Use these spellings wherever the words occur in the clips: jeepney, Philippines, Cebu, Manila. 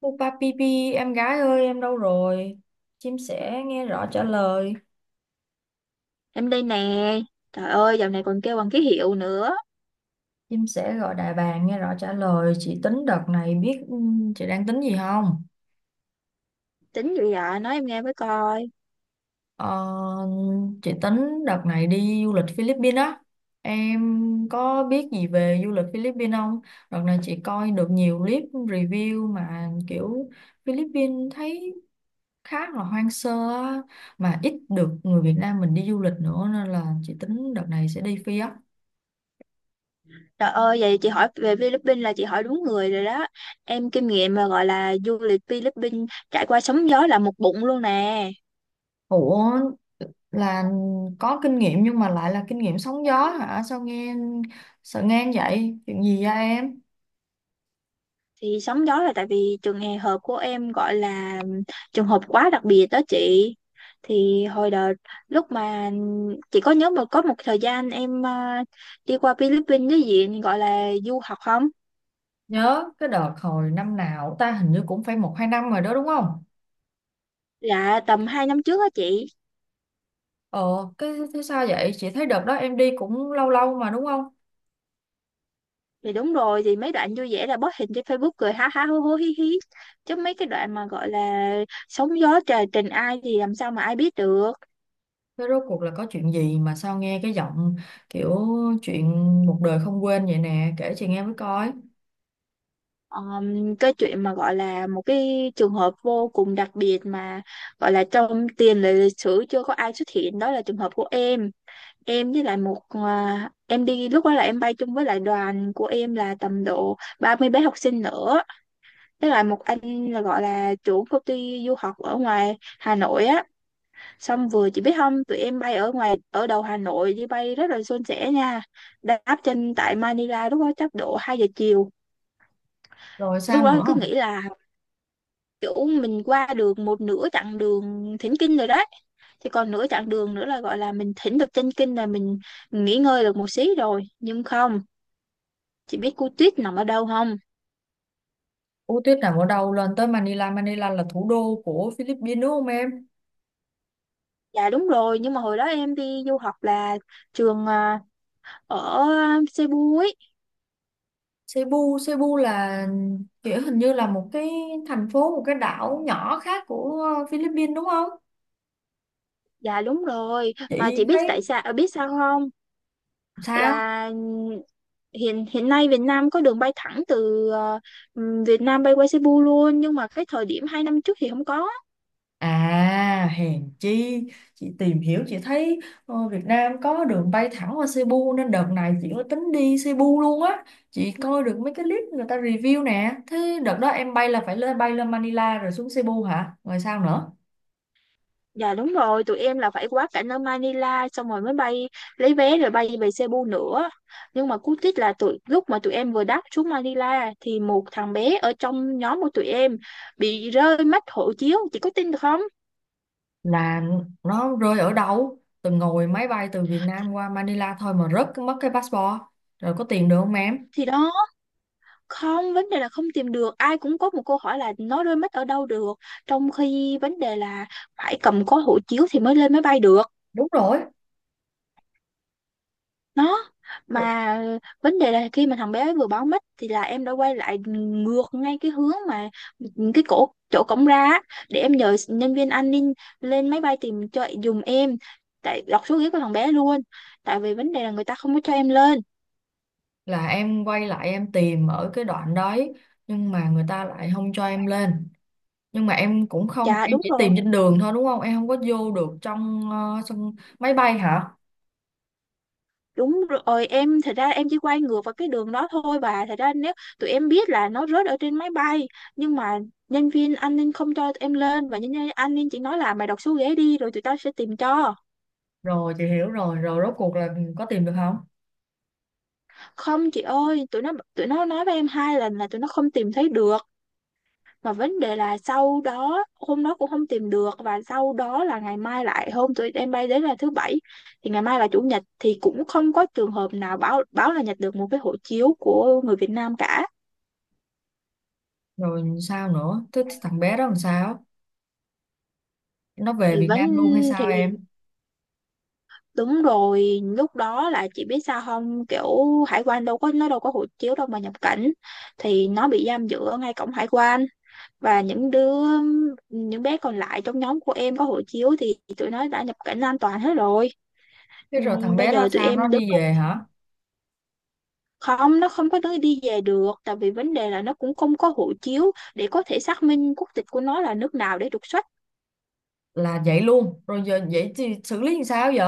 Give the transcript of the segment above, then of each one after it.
Pupa Pipi, em gái ơi, em đâu rồi? Chim sẻ nghe rõ trả lời. Em đây nè. Trời ơi, dạo này còn kêu bằng ký hiệu nữa. Chim sẻ gọi đại bàng nghe rõ trả lời. Chị tính đợt này biết chị đang tính gì không? Tính gì vậy? Nói em nghe với coi. Ờ, chị tính đợt này đi du lịch Philippines á. Em có biết gì về du lịch Philippines không? Đợt này chị coi được nhiều clip review mà kiểu Philippines thấy khá là hoang sơ á, mà ít được người Việt Nam mình đi du lịch nữa nên là chị tính đợt này sẽ đi Phi á. Trời ơi, vậy chị hỏi về Philippines là chị hỏi đúng người rồi đó. Em kinh nghiệm mà gọi là du lịch Philippines trải qua sóng gió là một bụng luôn nè. Ủa, là có kinh nghiệm nhưng mà lại là kinh nghiệm sóng gió hả? Sao nghe sợ nghe vậy, chuyện gì vậy em? Thì sóng gió là tại vì trường hè hợp của em gọi là trường hợp quá đặc biệt đó chị. Thì hồi đợt lúc mà chị có nhớ mà có một thời gian em đi qua Philippines với diện gọi là du học không? Nhớ cái đợt hồi năm nào ta, hình như cũng phải một hai năm rồi đó đúng không? Dạ tầm 2 năm trước á chị. ờ cái thế sao vậy, chị thấy đợt đó em đi cũng lâu lâu mà đúng không? Thì đúng rồi, thì mấy đoạn vui vẻ là post hình trên Facebook cười ha ha hố hố hí hí, chứ mấy cái đoạn mà gọi là sóng gió trời tình ai thì làm sao mà ai biết được. Thế rốt cuộc là có chuyện gì mà sao nghe cái giọng kiểu chuyện một đời không quên vậy nè, kể chị nghe mới coi. Cái chuyện mà gọi là một cái trường hợp vô cùng đặc biệt mà gọi là trong tiền lệ lịch sử chưa có ai xuất hiện đó là trường hợp của em. Em với lại một em đi lúc đó là em bay chung với lại đoàn của em là tầm độ 30 bé học sinh nữa, với lại một anh là gọi là chủ công ty du học ở ngoài Hà Nội á. Xong vừa chị biết không, tụi em bay ở ngoài ở đầu Hà Nội đi bay rất là suôn sẻ nha. Đáp trên tại Manila lúc đó chắc độ 2 giờ chiều. Rồi sao Lúc đó nữa? cứ nghĩ là kiểu mình qua được một nửa chặng đường thỉnh kinh rồi đấy. Thì còn nửa chặng đường nữa là gọi là mình thỉnh được chân kinh là mình nghỉ ngơi được một xí rồi. Nhưng không, chị biết cô Tuyết nằm ở đâu không? Ú tuyết nằm ở đâu, lên tới Manila. Manila là thủ đô của Philippines đúng không em? Dạ đúng rồi, nhưng mà hồi đó em đi du học là trường ở Cebu ấy. Cebu, Cebu là kiểu hình như là một cái thành phố, một cái đảo nhỏ khác của Philippines đúng không? Dạ đúng rồi, mà Chị chị biết tại thấy sao biết sao không? sao? Là hiện hiện nay Việt Nam có đường bay thẳng từ Việt Nam bay qua Cebu luôn, nhưng mà cái thời điểm 2 năm trước thì không có. À, hèn chi, chị tìm hiểu chị thấy Việt Nam có đường bay thẳng qua Cebu nên đợt này chị có tính đi Cebu luôn á. Chị coi được mấy cái clip người ta review nè. Thế đợt đó em bay là phải lên, bay lên Manila rồi xuống Cebu hả? Rồi sao nữa? Dạ đúng rồi, tụi em là phải quá cảnh ở Manila xong rồi mới bay, lấy vé rồi bay về Cebu nữa. Nhưng mà cú tích là lúc mà tụi em vừa đáp xuống Manila thì một thằng bé ở trong nhóm của tụi em bị rơi mất hộ chiếu, chị có tin được không? Là nó rơi ở đâu, từng ngồi máy bay từ Việt Nam qua Manila thôi mà rớt mất cái passport? Rồi có tìm được không em? Thì đó, không vấn đề là không tìm được, ai cũng có một câu hỏi là nó rơi mất ở đâu được trong khi vấn đề là phải cầm có hộ chiếu thì mới lên máy bay được. Đúng rồi. Nó mà vấn đề là khi mà thằng bé vừa báo mất thì là em đã quay lại ngược ngay cái hướng mà cái cổ chỗ cổng ra á, để em nhờ nhân viên an ninh lên máy bay tìm cho dùm em, tại đọc số ghế của thằng bé luôn, tại vì vấn đề là người ta không có cho em lên. Là em quay lại em tìm ở cái đoạn đấy nhưng mà người ta lại không cho em lên. Nhưng mà em cũng không, Dạ em đúng chỉ rồi. tìm trên đường thôi đúng không, em không có vô được trong sân máy bay hả? Đúng rồi, em thật ra em chỉ quay ngược vào cái đường đó thôi bà. Thật ra nếu tụi em biết là nó rớt ở trên máy bay, nhưng mà nhân viên an ninh không cho tụi em lên, và nhân viên an ninh chỉ nói là mày đọc số ghế đi rồi tụi tao sẽ tìm cho. Rồi chị hiểu rồi. Rồi rốt cuộc là có tìm được không? Không chị ơi, tụi nó nói với em 2 lần là tụi nó không tìm thấy được. Mà vấn đề là sau đó hôm đó cũng không tìm được, và sau đó là ngày mai lại hôm tụi em bay đến là thứ bảy thì ngày mai là chủ nhật thì cũng không có trường hợp nào báo báo là nhặt được một cái hộ chiếu của người Việt Nam cả. Rồi sao nữa, thế thằng bé đó làm sao, nó về Thì Việt vẫn Nam luôn hay sao thì em? Đúng rồi, lúc đó là chị biết sao không, kiểu hải quan đâu có, nó đâu có hộ chiếu đâu mà nhập cảnh, thì nó bị giam giữ ở ngay cổng hải quan. Và những bé còn lại trong nhóm của em có hộ chiếu thì tụi nó đã nhập cảnh an toàn hết rồi. Thế rồi thằng Bây bé đó giờ tụi sao, nó em đứng đi về hả? không, nó không có đứa đi về được tại vì vấn đề là nó cũng không có hộ chiếu để có thể xác minh quốc tịch của nó là nước nào để trục xuất. Là vậy luôn rồi, giờ vậy thì xử lý làm sao vậy?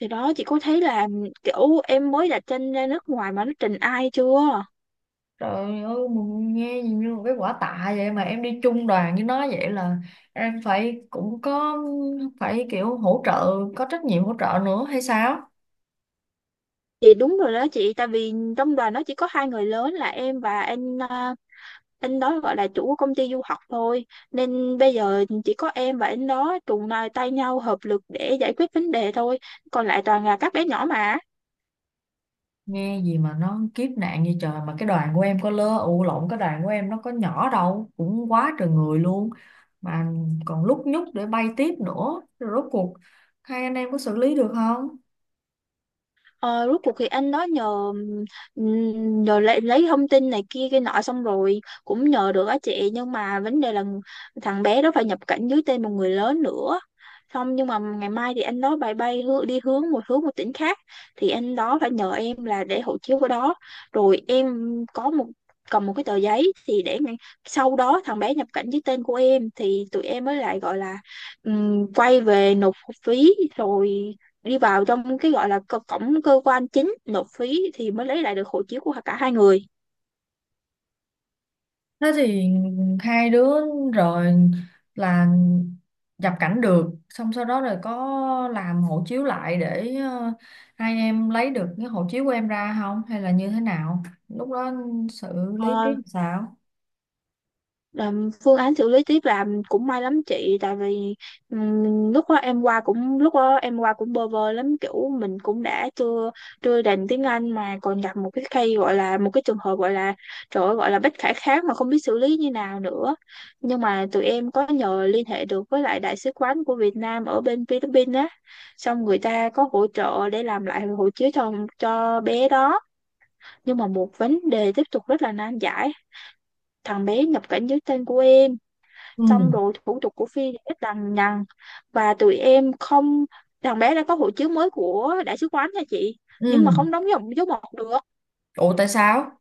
Thì đó, chị có thấy là kiểu em mới đặt chân ra nước ngoài mà nó trình ai chưa? Trời ơi mà nghe gì như một cái quả tạ vậy. Mà em đi chung đoàn với nó vậy là em phải cũng có, phải kiểu hỗ trợ, có trách nhiệm hỗ trợ nữa hay sao? Chị đúng rồi đó chị, tại vì trong đoàn nó chỉ có 2 người lớn là em và anh đó gọi là chủ của công ty du học thôi. Nên bây giờ chỉ có em và anh đó cùng là tay nhau hợp lực để giải quyết vấn đề thôi. Còn lại toàn là các bé nhỏ mà. Nghe gì mà nó kiếp nạn như trời. Mà cái đoàn của em nó có nhỏ đâu, cũng quá trời người luôn, mà còn lúc nhúc để bay tiếp nữa. Rồi rốt cuộc hai anh em có xử lý được không? Ờ, Rốt cuộc thì anh đó nhờ nhờ lấy thông tin này kia cái nọ xong rồi cũng nhờ được á chị, nhưng mà vấn đề là thằng bé đó phải nhập cảnh dưới tên một người lớn nữa. Xong nhưng mà ngày mai thì anh đó bay bay hư- đi hướng một tỉnh khác, thì anh đó phải nhờ em là để hộ chiếu của đó, rồi em có một cầm một cái tờ giấy thì để sau đó thằng bé nhập cảnh dưới tên của em thì tụi em mới lại gọi là quay về nộp phí rồi đi vào trong cái gọi là cổng cơ quan chính nộp phí thì mới lấy lại được hộ chiếu của cả 2 người. Thế thì hai đứa rồi là nhập cảnh được, xong sau đó rồi có làm hộ chiếu lại để hai em lấy được cái hộ chiếu của em ra không hay là như thế nào lúc đó, xử lý Ờ, tiếp sao? Làm phương án xử lý tiếp là cũng may lắm chị, tại vì lúc đó em qua cũng bơ vơ lắm, kiểu mình cũng đã chưa chưa đành tiếng Anh mà còn gặp một cái case gọi là một cái trường hợp gọi là trời ơi, gọi là bất khả kháng mà không biết xử lý như nào nữa. Nhưng mà tụi em có nhờ liên hệ được với lại đại sứ quán của Việt Nam ở bên Philippines á, xong người ta có hỗ trợ để làm lại hộ chiếu cho bé đó. Nhưng mà một vấn đề tiếp tục rất là nan giải, thằng bé nhập cảnh dưới tên của em Ừ. xong rồi thủ tục của Phi thì rất lằng nhằng, và tụi em không, thằng bé đã có hộ chiếu mới của đại sứ quán nha chị, nhưng mà Ừ. không đóng dòng dấu mộc được. Ủa tại sao,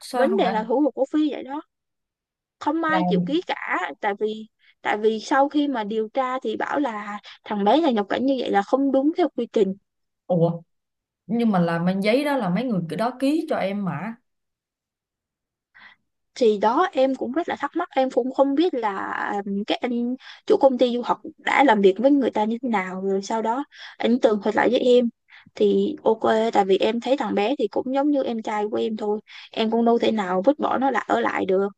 sao Vấn không đề phải là thủ tục của Phi vậy đó, không là? ai chịu ký cả tại vì sau khi mà điều tra thì bảo là thằng bé này nhập cảnh như vậy là không đúng theo quy trình. Ủa, nhưng mà là mang giấy đó là mấy người cái đó ký cho em mà? Thì đó em cũng rất là thắc mắc, em cũng không biết là các anh chủ công ty du học đã làm việc với người ta như thế nào, rồi sau đó anh tường thuật lại với em thì ok, tại vì em thấy thằng bé thì cũng giống như em trai của em thôi, em cũng đâu thể nào vứt bỏ nó lại ở lại được,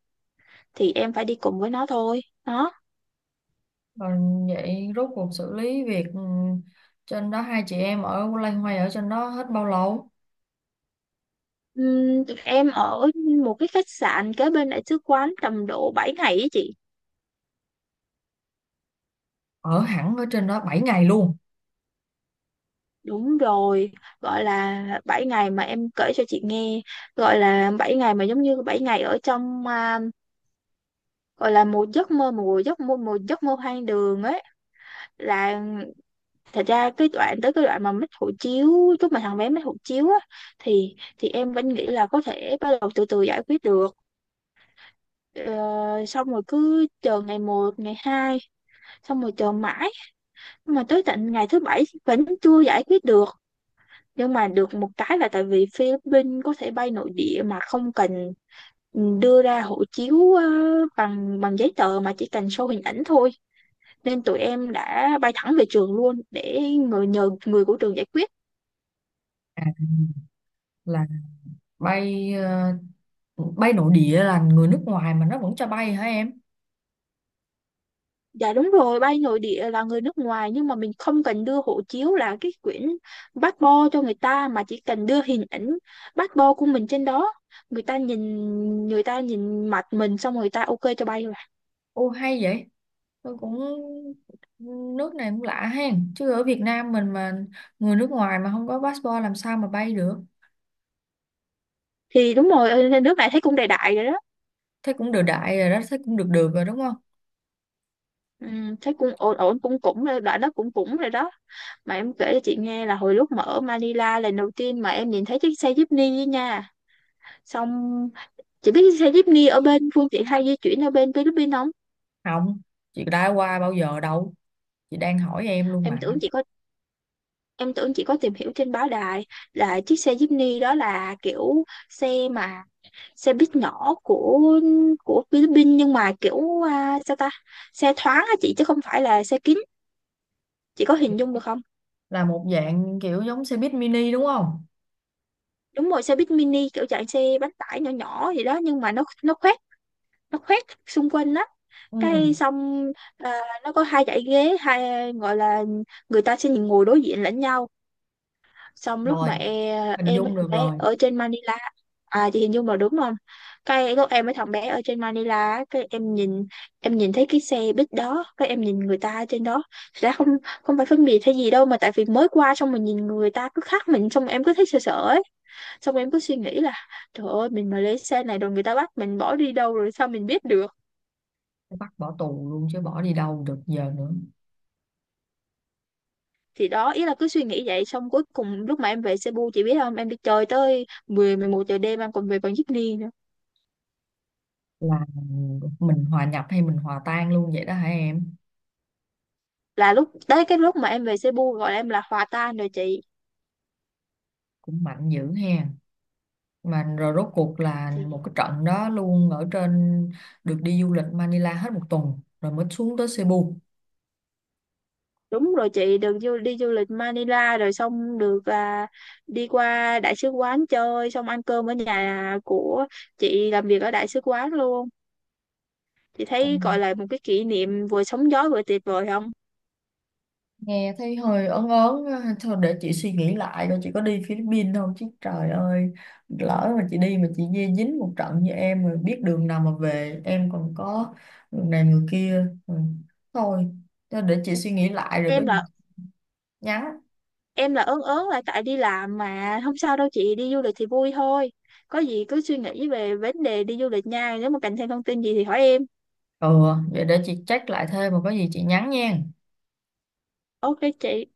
thì em phải đi cùng với nó thôi đó. Còn vậy rốt cuộc xử lý việc trên đó, hai chị em ở loay hoay ở trên đó hết bao lâu? Em ở một cái khách sạn kế bên đại sứ quán tầm độ 7 ngày ấy chị. Ở hẳn ở trên đó 7 ngày luôn? Đúng rồi, gọi là 7 ngày mà em kể cho chị nghe, gọi là 7 ngày mà giống như 7 ngày ở trong gọi là một giấc mơ, một giấc mơ một giấc mơ hoang đường ấy. Là thật ra cái đoạn tới cái đoạn mà mất hộ chiếu, lúc mà thằng bé mất hộ chiếu á thì em vẫn nghĩ là có thể bắt đầu từ từ giải quyết được. Ờ, Xong rồi cứ chờ ngày một ngày hai, xong rồi chờ mãi mà tới tận ngày thứ bảy vẫn chưa giải quyết được. Nhưng mà được một cái là tại vì Philippines có thể bay nội địa mà không cần đưa ra hộ chiếu bằng bằng giấy tờ mà chỉ cần show hình ảnh thôi, nên tụi em đã bay thẳng về trường luôn để người nhờ người của trường giải quyết. À, là bay bay nội địa là người nước ngoài mà nó vẫn cho bay hả em? Dạ đúng rồi, bay nội địa là người nước ngoài nhưng mà mình không cần đưa hộ chiếu là cái quyển passport cho người ta, mà chỉ cần đưa hình ảnh passport của mình trên đó, người ta nhìn, người ta nhìn mặt mình xong rồi người ta ok cho bay rồi. Ô hay vậy. Tôi cũng, nước này cũng lạ hen, chứ ở Việt Nam mình mà người nước ngoài mà không có passport làm sao mà bay được. Thì đúng rồi, ở nước này thấy cũng đại đại rồi đó. Thế cũng được đại rồi đó, thế cũng được được rồi đúng không? Ừ, thế cũng ổn ổn cũng cũng rồi, đoạn đó cũng cũng rồi đó. Mà em kể cho chị nghe là hồi lúc mà ở Manila lần đầu tiên mà em nhìn thấy chiếc xe jeepney ấy nha, xong chị biết xe jeepney ở bên phương tiện hay di chuyển ở bên Philippines không? Không, chị đã qua bao giờ đâu, chị đang hỏi em luôn em mà. tưởng chị có em tưởng chị có tìm hiểu trên báo đài là chiếc xe jeepney đó là kiểu xe mà xe buýt nhỏ của Philippines, nhưng mà kiểu à, sao ta xe thoáng á chị chứ không phải là xe kín, chị có hình dung được không? Là một dạng kiểu giống xe buýt mini đúng không? Đúng rồi, xe buýt mini kiểu dạng xe bánh tải nhỏ nhỏ gì đó, nhưng mà nó khoét, nó khoét xung quanh á. Cái Ừ, xong nó có 2 dãy ghế, gọi là người ta sẽ ngồi đối diện lẫn nhau, xong lúc rồi mà hình em với dung thằng được bé rồi. ở trên Manila. À, chị hình dung là đúng không? Cái lúc em với thằng bé ở trên Manila á, cái em nhìn, em nhìn thấy cái xe buýt đó cái em nhìn người ta trên đó. Thật ra không không phải phân biệt hay gì đâu, mà tại vì mới qua xong mình nhìn người ta cứ khác mình xong em cứ thấy sợ sợ ấy, xong em cứ suy nghĩ là trời ơi mình mà lấy xe này rồi người ta bắt mình bỏ đi đâu rồi sao mình biết được. Bắt bỏ tù luôn chứ bỏ đi đâu được giờ nữa. Thì đó ý là cứ suy nghĩ vậy xong cuối cùng lúc mà em về Cebu chị biết không, em đi chơi tới 10-11 giờ đêm em còn về bằng jeepney nữa. Là mình hòa nhập hay mình hòa tan luôn vậy đó hả em? Là lúc tới cái lúc mà em về Cebu gọi em là hòa tan rồi chị. Cũng mạnh dữ ha. Mà rồi rốt cuộc là một Thì cái trận đó luôn ở trên. Được đi du lịch Manila hết một tuần rồi mới xuống tới Cebu? đúng rồi, chị được đi du lịch Manila rồi xong được đi qua đại sứ quán chơi xong ăn cơm ở nhà của chị làm việc ở đại sứ quán luôn, chị thấy gọi là một cái kỷ niệm vừa sóng gió vừa tuyệt vời không? Nghe thấy hơi ớn ớn á. Thôi để chị suy nghĩ lại coi chị có đi Philippines không chứ, trời ơi, lỡ mà chị đi mà chị dê dính một trận như em rồi biết đường nào mà về, em còn có người này người kia. Ừ. Thôi, thôi để chị suy nghĩ lại rồi có em gì là nhắn. em là ớn ớn là tại đi làm mà không sao đâu chị, đi du lịch thì vui thôi, có gì cứ suy nghĩ về vấn đề đi du lịch nha, nếu mà cần thêm thông tin gì thì hỏi em. Ừ, vậy để chị check lại thêm mà có gì chị nhắn nha. Ok chị.